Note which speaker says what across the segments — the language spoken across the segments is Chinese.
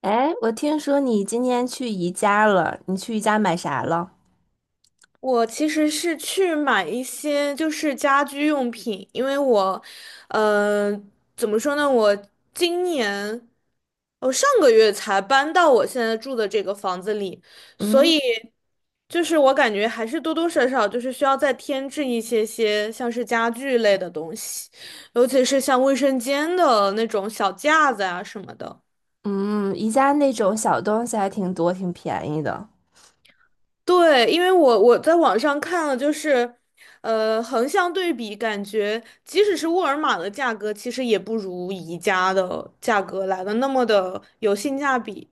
Speaker 1: 哎，我听说你今天去宜家了，你去宜家买啥了？
Speaker 2: 我其实是去买一些就是家居用品，因为我，呃，怎么说呢？我今年，我上个月才搬到我现在住的这个房子里，所
Speaker 1: 嗯，
Speaker 2: 以就是我感觉还是多多少少就是需要再添置一些些像是家具类的东西，尤其是像卫生间的那种小架子啊什么的。
Speaker 1: 嗯，宜家那种小东西还挺多，挺便宜的。
Speaker 2: 对，因为我在网上看了，就是，横向对比，感觉即使是沃尔玛的价格，其实也不如宜家的价格来的那么的有性价比。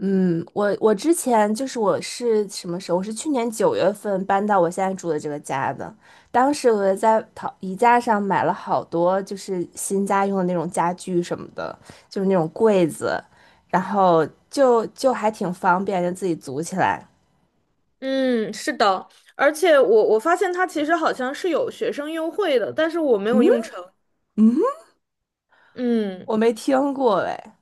Speaker 1: 嗯，我之前我是什么时候？我是去年9月份搬到我现在住的这个家的。当时我在淘宜家上买了好多，就是新家用的那种家具什么的，就是那种柜子，然后就还挺方便，就自己组起来。
Speaker 2: 嗯，是的，而且我发现它其实好像是有学生优惠的，但是我没有用成。
Speaker 1: 嗯，
Speaker 2: 嗯。
Speaker 1: 我没听过哎。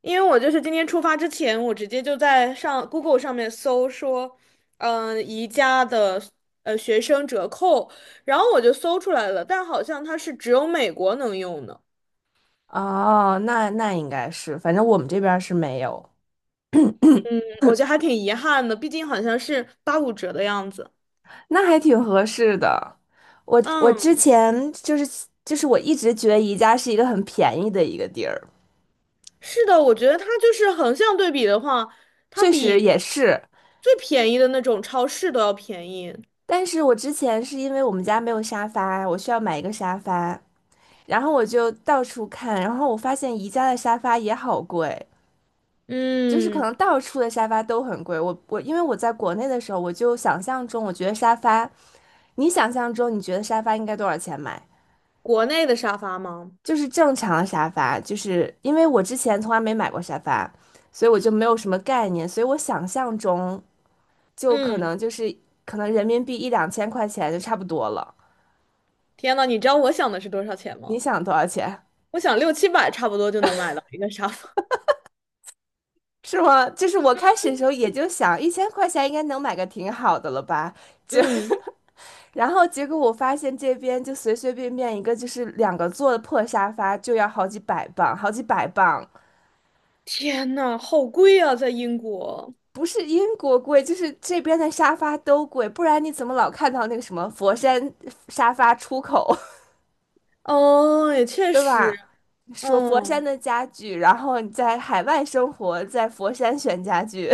Speaker 2: 因为我就是今天出发之前，我直接就在上 Google 上面搜说，嗯、宜家的学生折扣，然后我就搜出来了，但好像它是只有美国能用的，
Speaker 1: 哦，那应该是，反正我们这边儿是没有，
Speaker 2: 嗯，我觉得还挺遗憾的，毕竟好像是85折的样子。
Speaker 1: 那还挺合适的。我之
Speaker 2: 嗯，
Speaker 1: 前我一直觉得宜家是一个很便宜的一个地儿，
Speaker 2: 是的，我觉得它就是横向对比的话，它
Speaker 1: 确实
Speaker 2: 比
Speaker 1: 也是。
Speaker 2: 最便宜的那种超市都要便宜。
Speaker 1: 但是我之前是因为我们家没有沙发，我需要买一个沙发，然后我就到处看，然后我发现宜家的沙发也好贵，就是可
Speaker 2: 嗯，
Speaker 1: 能到处的沙发都很贵。我因为我在国内的时候，我就想象中我觉得沙发，你想象中你觉得沙发应该多少钱买？
Speaker 2: 国内的沙发吗？
Speaker 1: 就是正常沙发，就是因为我之前从来没买过沙发，所以我就没有什么概念，所以我想象中就可
Speaker 2: 嗯，
Speaker 1: 能就是可能人民币一两千块钱就差不多了。
Speaker 2: 天呐，你知道我想的是多少钱
Speaker 1: 你
Speaker 2: 吗？
Speaker 1: 想多少钱？
Speaker 2: 我想六七百差不多就能买到一个沙发。
Speaker 1: 是吗？就是我开始的时候也就想1000块钱应该能买个挺好的了吧，就
Speaker 2: 嗯，
Speaker 1: 然后结果我发现这边就随随便便一个就是两个座的破沙发就要好几百磅，好几百磅。
Speaker 2: 天呐，好贵啊，在英国。
Speaker 1: 不是英国贵，就是这边的沙发都贵，不然你怎么老看到那个什么佛山沙发出口，
Speaker 2: 哦，也 确
Speaker 1: 对
Speaker 2: 实，
Speaker 1: 吧？说佛山
Speaker 2: 嗯。
Speaker 1: 的家具，然后你在海外生活，在佛山选家具，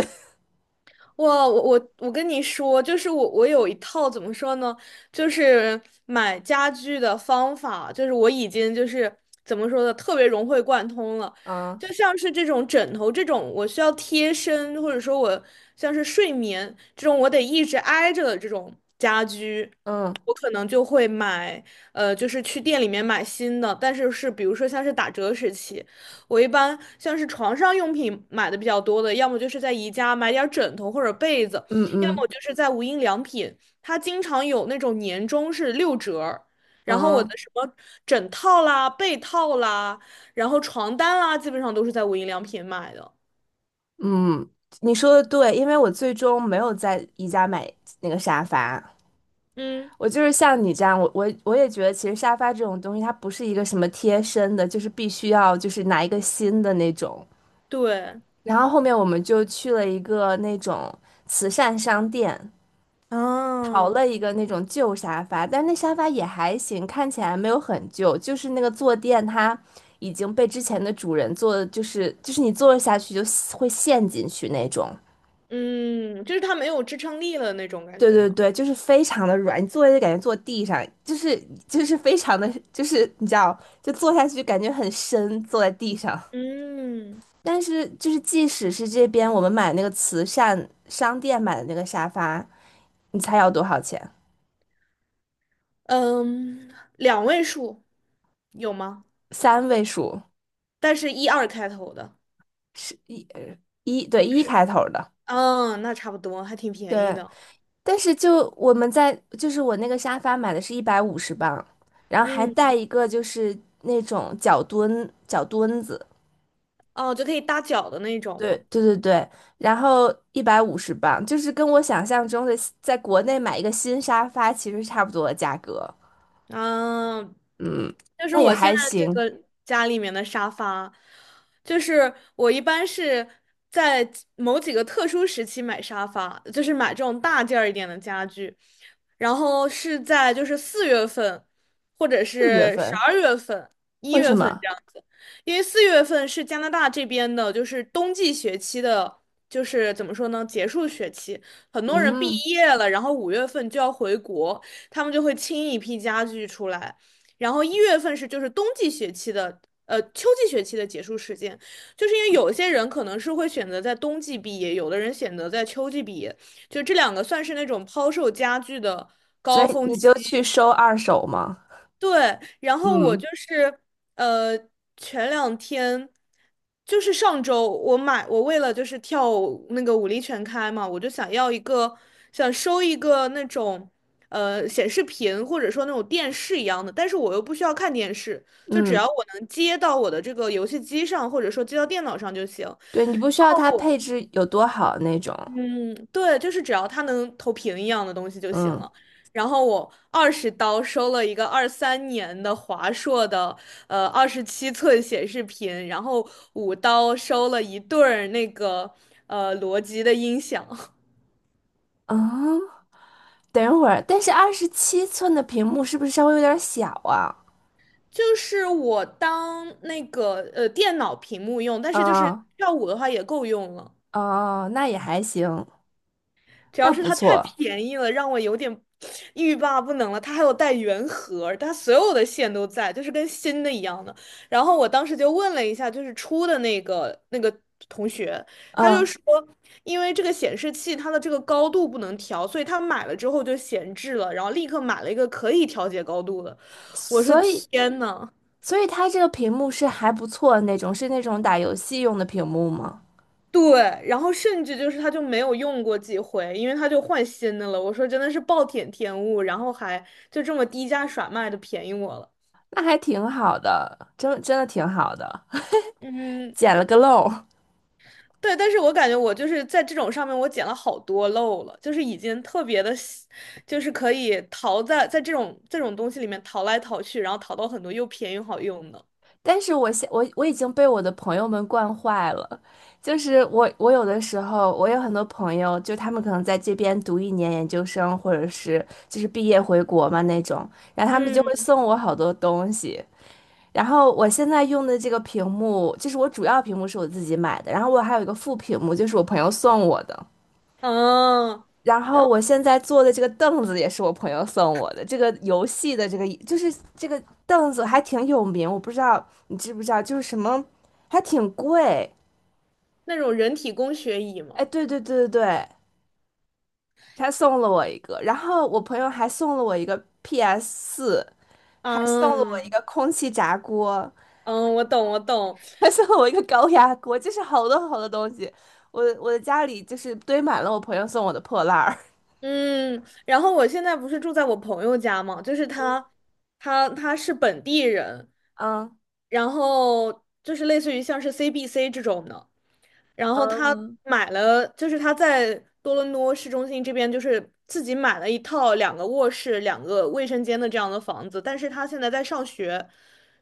Speaker 2: 哇，我跟你说，就是我有一套怎么说呢，就是买家具的方法，就是我已经就是怎么说呢，特别融会贯通了。
Speaker 1: 嗯
Speaker 2: 就像是这种枕头这种，我需要贴身，或者说我像是睡眠这种，我得一直挨着的这种家居，
Speaker 1: 嗯
Speaker 2: 我可能就会买，就是去店里面买新的，但是是比如说像是打折时期。我一般像是床上用品买的比较多的，要么就是在宜家买点儿枕头或者被子，
Speaker 1: 嗯
Speaker 2: 要么
Speaker 1: 嗯
Speaker 2: 就是在无印良品，它经常有那种年终是六折儿然后我
Speaker 1: 嗯
Speaker 2: 的什么枕套啦、被套啦，然后床单啦，基本上都是在无印良品买的。
Speaker 1: 嗯，你说的对，因为我最终没有在宜家买那个沙发，
Speaker 2: 嗯，
Speaker 1: 我就是像你这样，我也觉得其实沙发这种东西，它不是一个什么贴身的，就是必须要就是拿一个新的那种。
Speaker 2: 对，
Speaker 1: 然后后面我们就去了一个那种慈善商店，淘
Speaker 2: 啊，
Speaker 1: 了一个那种旧沙发，但是那沙发也还行，看起来没有很旧，就是那个坐垫它已经被之前的主人坐的，就是你坐下去就会陷进去那种。
Speaker 2: 嗯，就是它没有支撑力了那种感
Speaker 1: 对
Speaker 2: 觉
Speaker 1: 对
Speaker 2: 嘛。
Speaker 1: 对，就是非常的软，你坐下就感觉坐地上，就是非常的，就是你知道，就坐下去感觉很深，坐在地上。
Speaker 2: 嗯
Speaker 1: 但是就是即使是这边我们买那个慈善商店买的那个沙发，你猜要多少钱？
Speaker 2: 嗯，两位数有吗？
Speaker 1: 三位数，
Speaker 2: 但是一二开头的。
Speaker 1: 是一，对，一
Speaker 2: 是。
Speaker 1: 开头的，
Speaker 2: 嗯，那差不多，还挺便宜
Speaker 1: 对。
Speaker 2: 的。
Speaker 1: 但是就我们在就是我那个沙发买的是一百五十磅，然后还
Speaker 2: 嗯，
Speaker 1: 带一个就是那种脚墩脚墩子，
Speaker 2: 哦，就可以搭脚的那种
Speaker 1: 对
Speaker 2: 吗？
Speaker 1: 对对对，然后一百五十磅，就是跟我想象中的在国内买一个新沙发其实差不多的价格，
Speaker 2: 嗯，
Speaker 1: 嗯，
Speaker 2: 就是
Speaker 1: 那也
Speaker 2: 我现
Speaker 1: 还
Speaker 2: 在这
Speaker 1: 行，
Speaker 2: 个家里面的沙发，就是我一般是在几某几个特殊时期买沙发，就是买这种大件儿一点的家具，然后是在就是四月份，或者
Speaker 1: 四月
Speaker 2: 是十
Speaker 1: 份。
Speaker 2: 二月份、一
Speaker 1: 为什
Speaker 2: 月份
Speaker 1: 么？
Speaker 2: 这样子，因为四月份是加拿大这边的，就是冬季学期的，就是怎么说呢，结束学期，很多人毕
Speaker 1: 嗯，
Speaker 2: 业了，然后5月份就要回国。他们就会清一批家具出来。然后一月份是就是冬季学期的，秋季学期的结束时间，就是因为有些人可能是会选择在冬季毕业，有的人选择在秋季毕业，就这两个算是那种抛售家具的
Speaker 1: 所
Speaker 2: 高
Speaker 1: 以
Speaker 2: 峰
Speaker 1: 你就去
Speaker 2: 期，
Speaker 1: 收二手吗？
Speaker 2: 对，然后我
Speaker 1: 嗯
Speaker 2: 就是呃，前两天就是上周，我为了就是跳舞那个舞力全开嘛，我就想收一个那种显示屏或者说那种电视一样的，但是我又不需要看电视，就只要
Speaker 1: 嗯，
Speaker 2: 我能接到我的这个游戏机上或者说接到电脑上就行。
Speaker 1: 对，你不需要它配置有多好那种。
Speaker 2: 嗯，对，就是只要它能投屏一样的东西就行
Speaker 1: 嗯
Speaker 2: 了。然后我20刀收了一个23年的华硕的27寸显示屏，然后5刀收了一对儿那个罗技的音响，
Speaker 1: 嗯，等一会儿，但是27寸的屏幕是不是稍微有点小啊？
Speaker 2: 就是我当那个电脑屏幕用，但是就是
Speaker 1: 啊，
Speaker 2: 跳舞的话也够用了。
Speaker 1: 哦，那也还行，
Speaker 2: 主要
Speaker 1: 那
Speaker 2: 是
Speaker 1: 不
Speaker 2: 它太
Speaker 1: 错。
Speaker 2: 便宜了，让我有点欲罢不能了。它还有带原盒，它所有的线都在，就是跟新的一样的。然后我当时就问了一下，就是出的那个同学，他就
Speaker 1: 嗯，
Speaker 2: 说，因为这个显示器它的这个高度不能调，所以他买了之后就闲置了，然后立刻买了一个可以调节高度的。我说
Speaker 1: 所以
Speaker 2: 天呐！
Speaker 1: 所以它这个屏幕是还不错的那种，是那种打游戏用的屏幕吗？
Speaker 2: 对，然后甚至就是他就没有用过几回，因为他就换新的了。我说真的是暴殄天物，然后还就这么低价甩卖的便宜我了。
Speaker 1: 那还挺好的，真真的挺好的，
Speaker 2: 嗯，
Speaker 1: 捡了个漏。
Speaker 2: 对，但是我感觉我就是在这种上面我捡了好多漏了，就是已经特别的，就是可以淘在这种东西里面淘来淘去，然后淘到很多又便宜又好用的。
Speaker 1: 但是我已经被我的朋友们惯坏了，就是我有的时候我有很多朋友，就他们可能在这边读一年研究生，或者是就是毕业回国嘛那种，然后他们就
Speaker 2: 嗯，
Speaker 1: 会送我好多东西。然后我现在用的这个屏幕，就是我主要屏幕是我自己买的，然后我还有一个副屏幕，就是我朋友送我的。
Speaker 2: 嗯，
Speaker 1: 然
Speaker 2: 然
Speaker 1: 后
Speaker 2: 后
Speaker 1: 我现在坐的这个凳子也是我朋友送我的，这个游戏的这个就是这个凳子还挺有名，我不知道你知不知道，就是什么还挺贵。
Speaker 2: 那种人体工学椅
Speaker 1: 哎，
Speaker 2: 嘛。
Speaker 1: 对对对对对，他送了我一个，然后我朋友还送了我一个 PS4，还送了我一
Speaker 2: 嗯
Speaker 1: 个空气炸锅，
Speaker 2: 嗯，我懂我懂，
Speaker 1: 还送了我一个高压锅，就是好多好多东西。我的家里就是堆满了我朋友送我的破烂儿。
Speaker 2: 嗯，然后我现在不是住在我朋友家嘛，就是他，他是本地人，
Speaker 1: 嗯
Speaker 2: 然后就是类似于像是 CBC 这种的，然后他
Speaker 1: 嗯。
Speaker 2: 买了，就是他在多伦多市中心这边，就是自己买了一套两个卧室、两个卫生间的这样的房子。但是他现在在上学，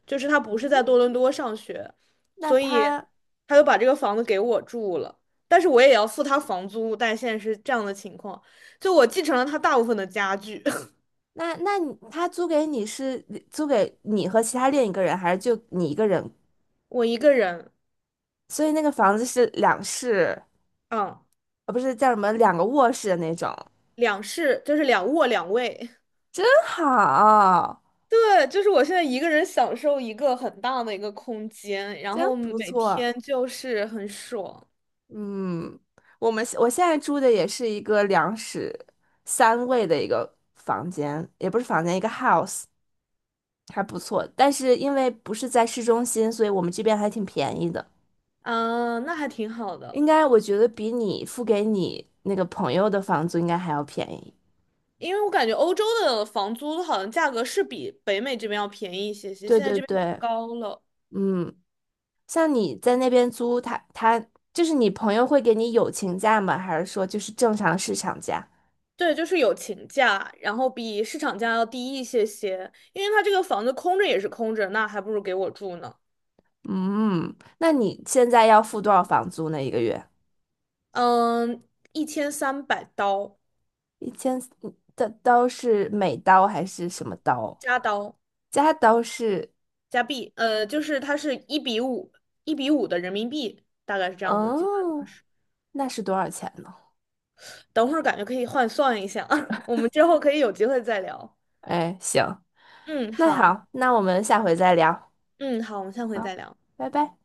Speaker 2: 就是他不是在
Speaker 1: 嗯
Speaker 2: 多伦多上学，
Speaker 1: 那
Speaker 2: 所以
Speaker 1: 他
Speaker 2: 他就把这个房子给我住了。但是我也要付他房租，但现在是这样的情况，就我继承了他大部分的家具，
Speaker 1: 那那你他租给你是租给你和其他另一个人，还是就你一个人？
Speaker 2: 我一个人，
Speaker 1: 所以那个房子是两室，
Speaker 2: 嗯，
Speaker 1: 呃，不是叫什么两个卧室的那种，
Speaker 2: 两室就是两卧两卫。
Speaker 1: 真好，
Speaker 2: 对，就是我现在一个人享受一个很大的一个空间，然
Speaker 1: 真
Speaker 2: 后
Speaker 1: 不
Speaker 2: 每
Speaker 1: 错。
Speaker 2: 天就是很爽，
Speaker 1: 嗯，我现在住的也是一个两室三卫的一个房间，也不是房间，一个 house，还不错。但是因为不是在市中心，所以我们这边还挺便宜的，
Speaker 2: 嗯，那还挺好的。
Speaker 1: 应该我觉得比你付给你那个朋友的房租应该还要便宜。
Speaker 2: 因为我感觉欧洲的房租好像价格是比北美这边要便宜一些些，
Speaker 1: 对
Speaker 2: 现在
Speaker 1: 对
Speaker 2: 这边太
Speaker 1: 对，
Speaker 2: 高了。
Speaker 1: 嗯，像你在那边租，他你朋友会给你友情价吗？还是说就是正常市场价？
Speaker 2: 对，就是有情价，然后比市场价要低一些些，因为他这个房子空着也是空着，那还不如给我住呢。
Speaker 1: 嗯，那你现在要付多少房租呢？一个月？
Speaker 2: 嗯，1300刀
Speaker 1: 一千的刀是美刀还是什么刀？
Speaker 2: 加刀。
Speaker 1: 加刀是，
Speaker 2: 加币，就是它是一比五，一比五的人民币，大概是这样的计算方
Speaker 1: 哦，
Speaker 2: 式。
Speaker 1: 那是多少钱呢？
Speaker 2: 等会儿感觉可以换算一下，我们之后可以有机会再聊。
Speaker 1: 哎，行，
Speaker 2: 嗯，
Speaker 1: 那
Speaker 2: 好，
Speaker 1: 好，那我们下回再聊，
Speaker 2: 嗯，好，我们下回
Speaker 1: 好，
Speaker 2: 再聊。
Speaker 1: 拜拜。